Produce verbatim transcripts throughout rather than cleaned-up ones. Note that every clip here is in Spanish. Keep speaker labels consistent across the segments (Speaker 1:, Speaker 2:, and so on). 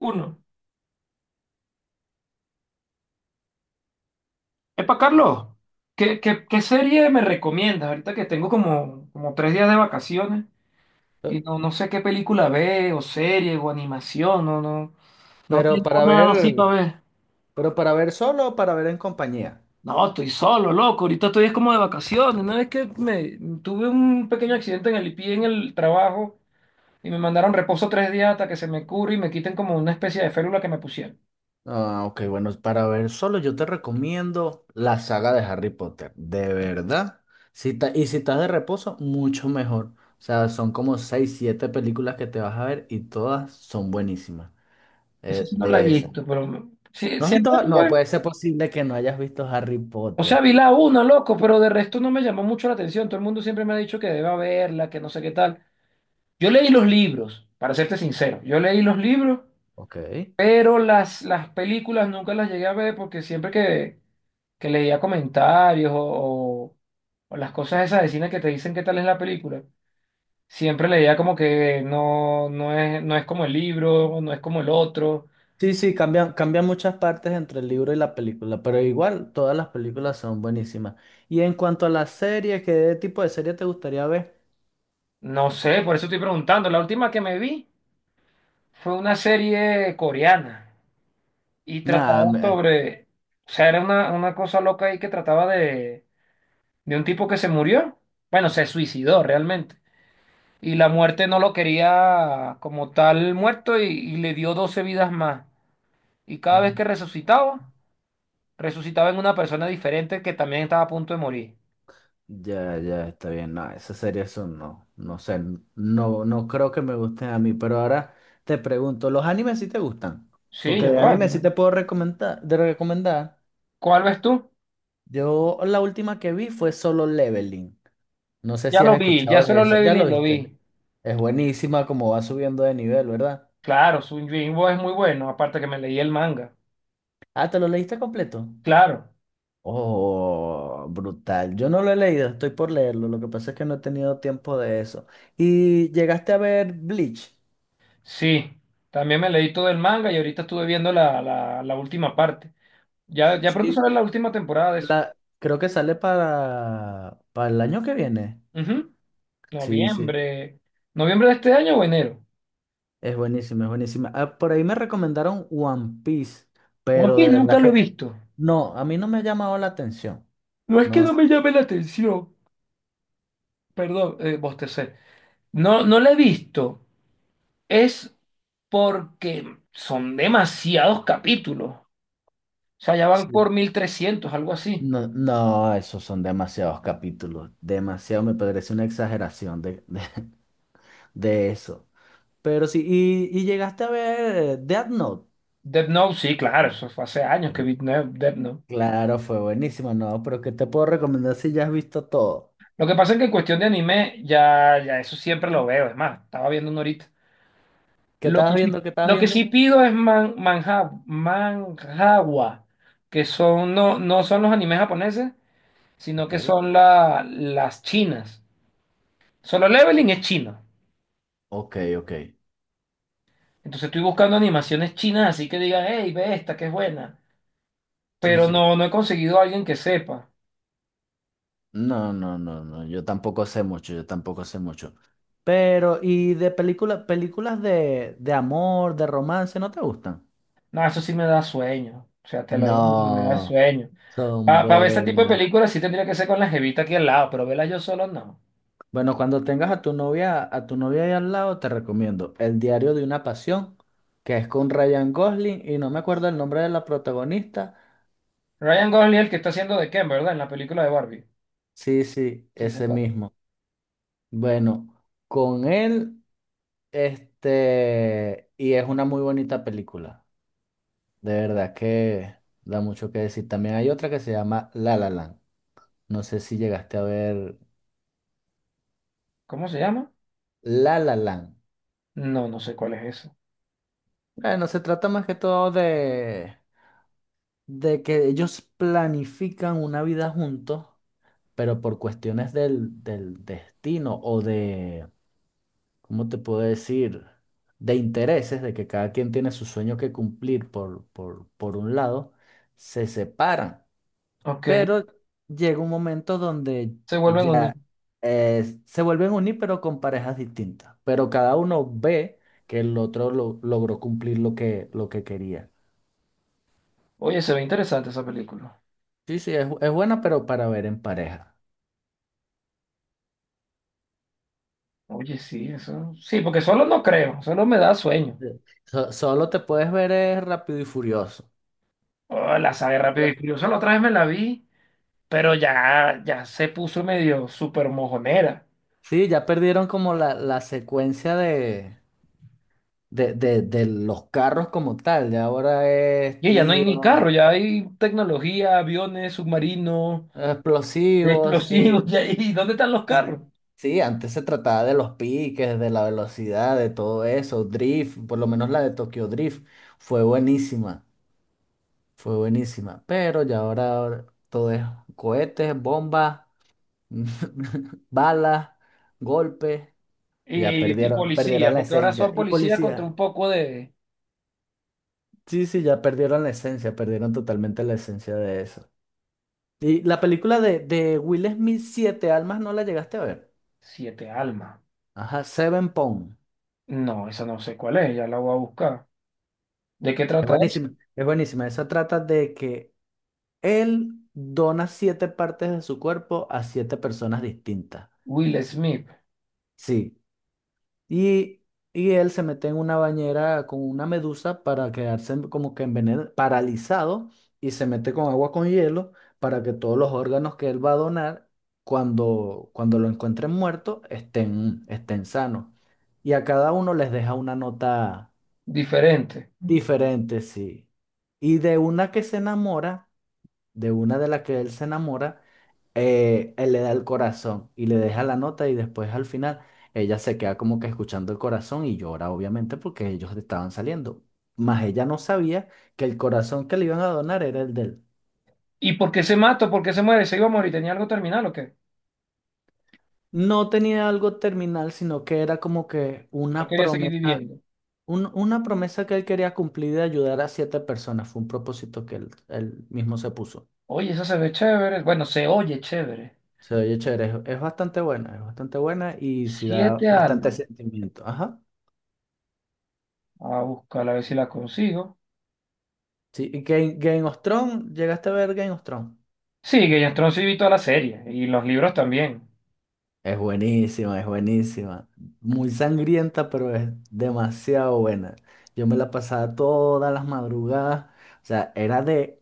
Speaker 1: Uno. Epa, Carlos, ¿qué, qué, qué serie me recomiendas? Ahorita que tengo como, como tres días de vacaciones y no, no sé qué película ve, o serie, o animación, no, no, no
Speaker 2: Pero
Speaker 1: tengo
Speaker 2: para
Speaker 1: nada así para
Speaker 2: ver,
Speaker 1: ver.
Speaker 2: pero para ver solo o para ver en compañía.
Speaker 1: No, estoy solo, loco. Ahorita estoy es como de vacaciones. Una vez que me tuve un pequeño accidente en el pie en el trabajo y me mandaron reposo tres días hasta que se me cure y me quiten como una especie de férula que me pusieron.
Speaker 2: Ah, ok, bueno, para ver solo yo te recomiendo la saga de Harry Potter, de verdad. Si ta- y si estás de reposo, mucho mejor. O sea, son como seis siete películas que te vas a ver y todas son buenísimas.
Speaker 1: Eso
Speaker 2: Eh,
Speaker 1: sí no la he
Speaker 2: de esas.
Speaker 1: visto, pero sí,
Speaker 2: ¿No has visto?
Speaker 1: siempre
Speaker 2: Ha- No,
Speaker 1: tuve.
Speaker 2: puede ser posible que no hayas visto Harry
Speaker 1: O sea,
Speaker 2: Potter.
Speaker 1: vi la una, loco, pero de resto no me llamó mucho la atención. Todo el mundo siempre me ha dicho que deba verla, que no sé qué tal. Yo leí los libros, para serte sincero. Yo leí los libros,
Speaker 2: Ok.
Speaker 1: pero las, las películas nunca las llegué a ver porque siempre que, que leía comentarios o, o- o las cosas esas de cine que te dicen qué tal es la película, siempre leía como que no, no es, no es como el libro, no es como el otro.
Speaker 2: Sí, sí, cambian, cambian muchas partes entre el libro y la película, pero igual todas las películas son buenísimas. Y en cuanto a las series, ¿qué tipo de serie te gustaría ver?
Speaker 1: No sé, por eso estoy preguntando. La última que me vi fue una serie coreana y trataba
Speaker 2: Nada, me-
Speaker 1: sobre, o sea, era una, una cosa loca ahí que trataba de, de un tipo que se murió, bueno, se suicidó realmente, y la muerte no lo quería como tal muerto y, y le dio doce vidas más, y cada vez que resucitaba, resucitaba en una persona diferente que también estaba a punto de morir.
Speaker 2: ya, ya está bien. No, esas series son no, no sé, no, no creo que me gusten a mí, pero ahora te pregunto, ¿los animes sí te gustan?
Speaker 1: Sí,
Speaker 2: Porque
Speaker 1: yo
Speaker 2: de
Speaker 1: vale,
Speaker 2: anime sí
Speaker 1: man.
Speaker 2: te puedo recomendar, de recomendar.
Speaker 1: ¿Cuál ves tú?
Speaker 2: Yo la última que vi fue Solo Leveling. No sé
Speaker 1: Ya
Speaker 2: si has
Speaker 1: lo vi, ya
Speaker 2: escuchado de
Speaker 1: Solo
Speaker 2: esa. ¿Ya lo
Speaker 1: Leveling lo
Speaker 2: viste?
Speaker 1: vi.
Speaker 2: Es buenísima como va subiendo de nivel, ¿verdad?
Speaker 1: Claro, su Yimbo es muy bueno, aparte que me leí el manga.
Speaker 2: Ah, ¿te lo leíste completo?
Speaker 1: Claro.
Speaker 2: Oh, brutal. Yo no lo he leído, estoy por leerlo. Lo que pasa es que no he tenido tiempo de eso. ¿Y llegaste a ver Bleach?
Speaker 1: Sí, también me leí todo el manga y ahorita estuve viendo la, la, la última parte. Ya, ya pronto
Speaker 2: Sí,
Speaker 1: sale la última temporada de eso.
Speaker 2: la, creo que sale para, para, el año que viene.
Speaker 1: Ujú.
Speaker 2: Sí, sí,
Speaker 1: Noviembre. ¿Noviembre de este año o enero?
Speaker 2: es buenísima, es buenísima. Ah, por ahí me recomendaron One Piece,
Speaker 1: One
Speaker 2: pero
Speaker 1: Piece
Speaker 2: de
Speaker 1: nunca
Speaker 2: verdad
Speaker 1: lo he
Speaker 2: que
Speaker 1: visto.
Speaker 2: no, a mí no me ha llamado la atención.
Speaker 1: No es que
Speaker 2: No,
Speaker 1: no
Speaker 2: s-
Speaker 1: me llame la atención. Perdón, eh, bostecé. No, no lo he visto. Es porque son demasiados capítulos. O sea, ya van
Speaker 2: sí,
Speaker 1: por mil trescientos, algo así.
Speaker 2: no, no, esos son demasiados capítulos, demasiado, me parece una exageración de, de de eso. Pero sí, y, y llegaste a ver eh, Death Note.
Speaker 1: Death Note, sí, claro, eso fue hace años que
Speaker 2: Mm.
Speaker 1: vi Death Note.
Speaker 2: Claro, fue buenísimo, no, pero ¿qué te puedo recomendar si ya has visto todo?
Speaker 1: Lo que pasa es que en cuestión de anime, ya, ya eso siempre lo veo. Es más, estaba viendo uno ahorita.
Speaker 2: ¿Qué
Speaker 1: Lo
Speaker 2: estabas
Speaker 1: que sí,
Speaker 2: viendo? ¿Qué estabas
Speaker 1: lo que
Speaker 2: viendo?
Speaker 1: sí pido es man, manja, manhwa, que son, no, no son los animes japoneses, sino
Speaker 2: Ok,
Speaker 1: que son la- las chinas. Solo Leveling es chino.
Speaker 2: ok, ok.
Speaker 1: Entonces estoy buscando animaciones chinas, así que digan, hey, ve esta, que es buena.
Speaker 2: Sí,
Speaker 1: Pero
Speaker 2: sí.
Speaker 1: no, no he conseguido a alguien que sepa.
Speaker 2: No, no, no, no. Yo tampoco sé mucho, yo tampoco sé mucho. Pero, ¿y de películas, películas de, de amor, de romance, no te gustan?
Speaker 1: No, eso sí me da sueño. O sea, te lo digo, me da
Speaker 2: No,
Speaker 1: sueño.
Speaker 2: son
Speaker 1: Para ver este tipo de
Speaker 2: buenas.
Speaker 1: películas sí tendría que ser con la jevita aquí al lado, pero verla yo solo no.
Speaker 2: Bueno, cuando tengas a tu novia, a tu novia ahí al lado, te recomiendo El diario de una pasión, que es con Ryan Gosling, y no me acuerdo el nombre de la protagonista.
Speaker 1: Ryan Gosling, es el que está haciendo de Ken, ¿verdad? En la película de Barbie.
Speaker 2: Sí, sí,
Speaker 1: Sí, sé
Speaker 2: ese
Speaker 1: cuál es.
Speaker 2: mismo. Bueno, con él, este, y es una muy bonita película. De verdad que da mucho que decir. También hay otra que se llama La La Land. No sé si llegaste a ver
Speaker 1: ¿Cómo se llama?
Speaker 2: La La Land.
Speaker 1: No, no sé cuál es eso.
Speaker 2: Bueno, se trata más que todo de, de, que ellos planifican una vida juntos pero por cuestiones del, del destino o de, ¿cómo te puedo decir? De intereses, de que cada quien tiene su sueño que cumplir por, por, por un lado, se separan.
Speaker 1: Ok,
Speaker 2: Pero llega un momento donde
Speaker 1: se vuelven
Speaker 2: ya
Speaker 1: unidos.
Speaker 2: eh, se vuelven a unir, pero con parejas distintas. Pero cada uno ve que el otro lo- logró cumplir lo que, lo que, quería.
Speaker 1: Oye, se ve interesante esa película.
Speaker 2: Sí, sí, es, es buena, pero para ver en pareja.
Speaker 1: Oye, sí, eso. Sí, porque solo no creo, solo me da sueño.
Speaker 2: Sí. So- solo te puedes ver es Rápido y Furioso.
Speaker 1: Oh, la saga de Rápido y Furioso la otra vez me la vi, pero ya, ya se puso medio súper mojonera.
Speaker 2: Sí, ya perdieron como la, la, secuencia de, de, de- de los carros como tal. Ya ahora es
Speaker 1: Y ya no hay ni
Speaker 2: tiros,
Speaker 1: carro, ya hay tecnología, aviones, submarinos,
Speaker 2: explosivos, sí.
Speaker 1: explosivos, ya- ¿y dónde están los carros?
Speaker 2: Sí, sí, antes se trataba de los piques, de la velocidad, de todo eso, drift, por lo menos la de Tokyo Drift fue buenísima, fue buenísima. Pero ya ahora, ahora todo es cohetes, bombas, balas, golpes. Ya
Speaker 1: Y, y
Speaker 2: perdieron, perdieron
Speaker 1: policía,
Speaker 2: la
Speaker 1: porque ahora
Speaker 2: esencia.
Speaker 1: son
Speaker 2: Y
Speaker 1: policías contra
Speaker 2: policía.
Speaker 1: un poco de...
Speaker 2: Sí, sí, ya perdieron la esencia, perdieron totalmente la esencia de eso. Y la película de, de, Will Smith, Siete Almas, ¿no la llegaste a ver?
Speaker 1: Siete almas.
Speaker 2: Ajá, Seven Pound.
Speaker 1: No, esa no sé cuál es, ya la voy a buscar. ¿De qué
Speaker 2: Es
Speaker 1: trata eso?
Speaker 2: buenísima, es buenísima. Esa trata de que él dona siete partes de su cuerpo a siete personas distintas.
Speaker 1: Will Smith,
Speaker 2: Sí. Y, y él se mete en una bañera con una medusa para quedarse en- como que envenen paralizado, y se mete con agua con hielo para que todos los órganos que él va a donar, cuando, cuando, lo encuentren muerto, estén, estén sanos. Y a cada uno les deja una nota
Speaker 1: diferente.
Speaker 2: diferente, sí. Y de una que se enamora de una de las que él se enamora, eh, él le da el corazón y le deja la nota y después al final ella se queda como que escuchando el corazón y llora obviamente porque ellos estaban saliendo. Mas ella no sabía que el corazón que le iban a donar era el de él.
Speaker 1: ¿Y por qué se mata? ¿Por qué se muere? ¿Se iba a morir? ¿Tenía algo terminal o qué?
Speaker 2: No tenía algo terminal, sino que era como que
Speaker 1: No
Speaker 2: una
Speaker 1: quería seguir
Speaker 2: promesa,
Speaker 1: viviendo.
Speaker 2: un- una promesa que él quería cumplir de ayudar a siete personas. Fue un propósito que él, él, mismo se puso.
Speaker 1: Oye, eso se ve chévere. Bueno, se oye chévere.
Speaker 2: Se oye chévere, es, es bastante buena, es bastante buena y sí da
Speaker 1: Siete
Speaker 2: bastante
Speaker 1: almas.
Speaker 2: sentimiento. Ajá.
Speaker 1: A buscarla a ver si la consigo.
Speaker 2: Sí, y Game, Game of Thrones, ¿llegaste a ver Game of Thrones?
Speaker 1: Sí, Game of Thrones sí vi toda la serie y los libros también.
Speaker 2: Es buenísima, es buenísima. Muy sangrienta, pero es demasiado buena. Yo me la pasaba todas las madrugadas. O sea, era de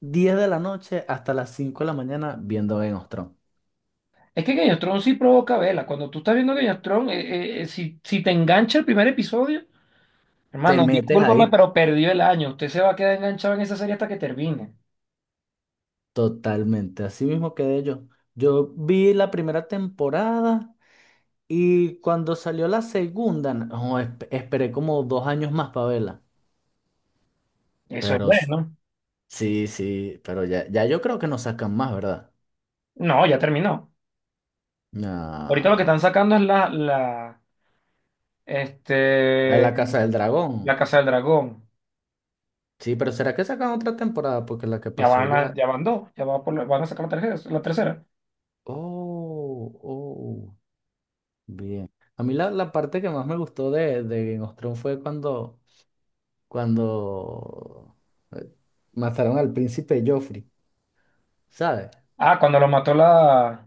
Speaker 2: diez de la noche hasta las cinco de la mañana viendo Game of Thrones.
Speaker 1: Es que Game of Thrones sí provoca vela. Cuando tú estás viendo Game of Thrones, eh, eh, eh, si, si te engancha el primer episodio.
Speaker 2: Te
Speaker 1: Hermano,
Speaker 2: metes
Speaker 1: discúlpame,
Speaker 2: ahí
Speaker 1: pero perdió el año. Usted se va a quedar enganchado en esa serie hasta que termine.
Speaker 2: totalmente. Así mismo quedé yo. Yo vi la primera temporada y cuando salió la segunda, no, esp- esperé como dos años más para verla.
Speaker 1: Eso es
Speaker 2: Pero
Speaker 1: bueno.
Speaker 2: sí, sí, pero ya, ya yo creo que no sacan más, ¿verdad?
Speaker 1: No, ya terminó. Ahorita lo que
Speaker 2: Ah,
Speaker 1: están sacando es la, la,
Speaker 2: la de
Speaker 1: este,
Speaker 2: la Casa del Dragón.
Speaker 1: la Casa del Dragón.
Speaker 2: Sí, pero ¿será que sacan otra temporada? Porque la que
Speaker 1: Ya
Speaker 2: pasó
Speaker 1: van,
Speaker 2: ya.
Speaker 1: a- ya van dos, ya va por la- van a sacar la tercera, la tercera.
Speaker 2: Oh, oh, bien. A mí la, la, parte que más me gustó de, de, Game of Thrones fue cuando, cuando eh, mataron al príncipe Joffrey, ¿sabes?
Speaker 1: Ah, cuando lo mató la...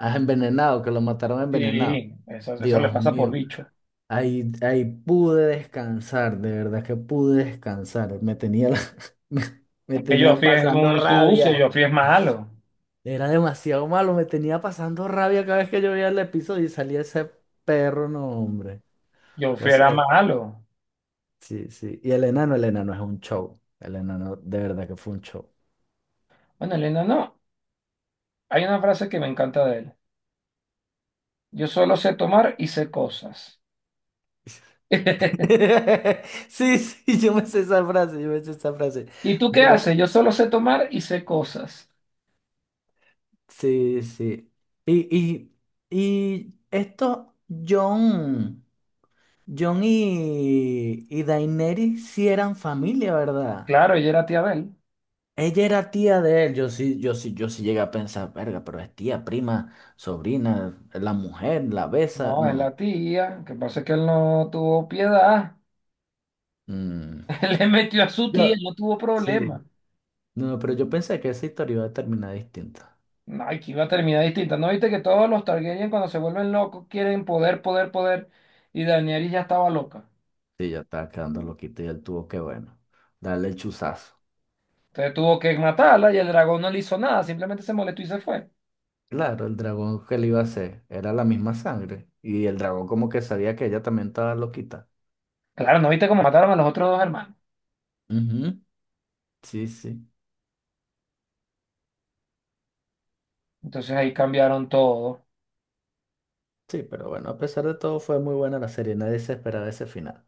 Speaker 2: Ah, envenenado, que lo mataron
Speaker 1: Sí,
Speaker 2: envenenado.
Speaker 1: eso, eso le
Speaker 2: Dios
Speaker 1: pasa por
Speaker 2: mío.
Speaker 1: bicho.
Speaker 2: Ahí, ahí pude descansar, de verdad que pude descansar. Me tenía, la- me, me
Speaker 1: Que
Speaker 2: tenía
Speaker 1: Joffrey es
Speaker 2: pasando
Speaker 1: un sucio,
Speaker 2: rabia.
Speaker 1: Joffrey es malo.
Speaker 2: Era demasiado malo, me tenía pasando rabia cada vez que yo veía el episodio y salía ese perro, no, hombre.
Speaker 1: Joffrey era
Speaker 2: Gracias.
Speaker 1: malo.
Speaker 2: Sí, sí. Y el enano, el enano es un show. El enano, de verdad que fue un show.
Speaker 1: Bueno, Elena, no. Hay una frase que me encanta de él. Yo solo sé tomar y sé cosas.
Speaker 2: Sí, sí, yo me sé esa frase, yo me sé esa frase.
Speaker 1: ¿Y tú qué
Speaker 2: De-
Speaker 1: haces? Yo solo sé tomar y sé cosas.
Speaker 2: sí, sí. Y, y, y esto, John. John y, y Daenerys sí eran familia, ¿verdad?
Speaker 1: Claro, ella era tía de él.
Speaker 2: Ella era tía de él. Yo sí, yo sí, yo sí llegué a pensar, verga, pero es tía, prima, sobrina, la mujer, la besa.
Speaker 1: No, es
Speaker 2: No.
Speaker 1: la tía. Que pasa es que él no tuvo piedad.
Speaker 2: mm,
Speaker 1: Él le metió a su tía,
Speaker 2: Yo,
Speaker 1: no tuvo
Speaker 2: sí.
Speaker 1: problema.
Speaker 2: No, no, pero yo pensé que esa historia iba a terminar distinta.
Speaker 1: Ay, que iba a terminar distinta. ¿No viste que todos los Targaryen cuando se vuelven locos quieren poder, poder, poder? Y Daenerys ya estaba loca.
Speaker 2: Sí, ya estaba quedando loquito y él tuvo que, bueno, darle el chuzazo.
Speaker 1: Entonces tuvo que matarla y el dragón no le hizo nada, simplemente se molestó y se fue.
Speaker 2: Claro, el dragón que le iba a hacer era la misma sangre. Y el dragón como que sabía que ella también estaba loquita.
Speaker 1: Claro, ¿no viste cómo mataron a los otros dos hermanos?
Speaker 2: Ujú, sí, sí.
Speaker 1: Entonces ahí cambiaron todo.
Speaker 2: Sí, pero bueno, a pesar de todo fue muy buena la serie, nadie se esperaba ese final.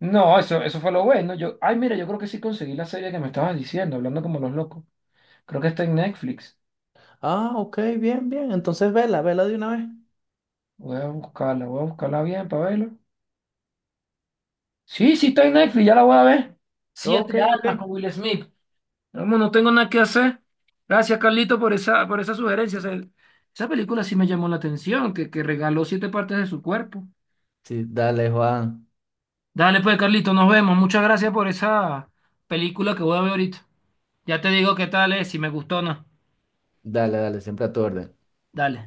Speaker 1: No, eso, eso fue lo bueno. Yo, ay, mira, yo creo que sí conseguí la serie que me estabas diciendo, hablando como los locos. Creo que está en Netflix.
Speaker 2: Ah, ok, bien, bien, entonces vela, vela de una vez.
Speaker 1: Voy a buscarla, voy a buscarla bien para verla. Sí, sí está en Netflix, ya la voy a ver. Siete
Speaker 2: Ok, ok.
Speaker 1: almas con Will Smith. Vamos, no tengo nada que hacer. Gracias, Carlito, por esa, por esa sugerencia. O sea, esa película sí me llamó la atención, que, que regaló siete partes de su cuerpo.
Speaker 2: Sí, dale, Juan,
Speaker 1: Dale, pues, Carlito, nos vemos. Muchas gracias por esa película que voy a ver ahorita. Ya te digo qué tal es, si me gustó o no.
Speaker 2: dale, dale, siempre a tu orden.
Speaker 1: Dale.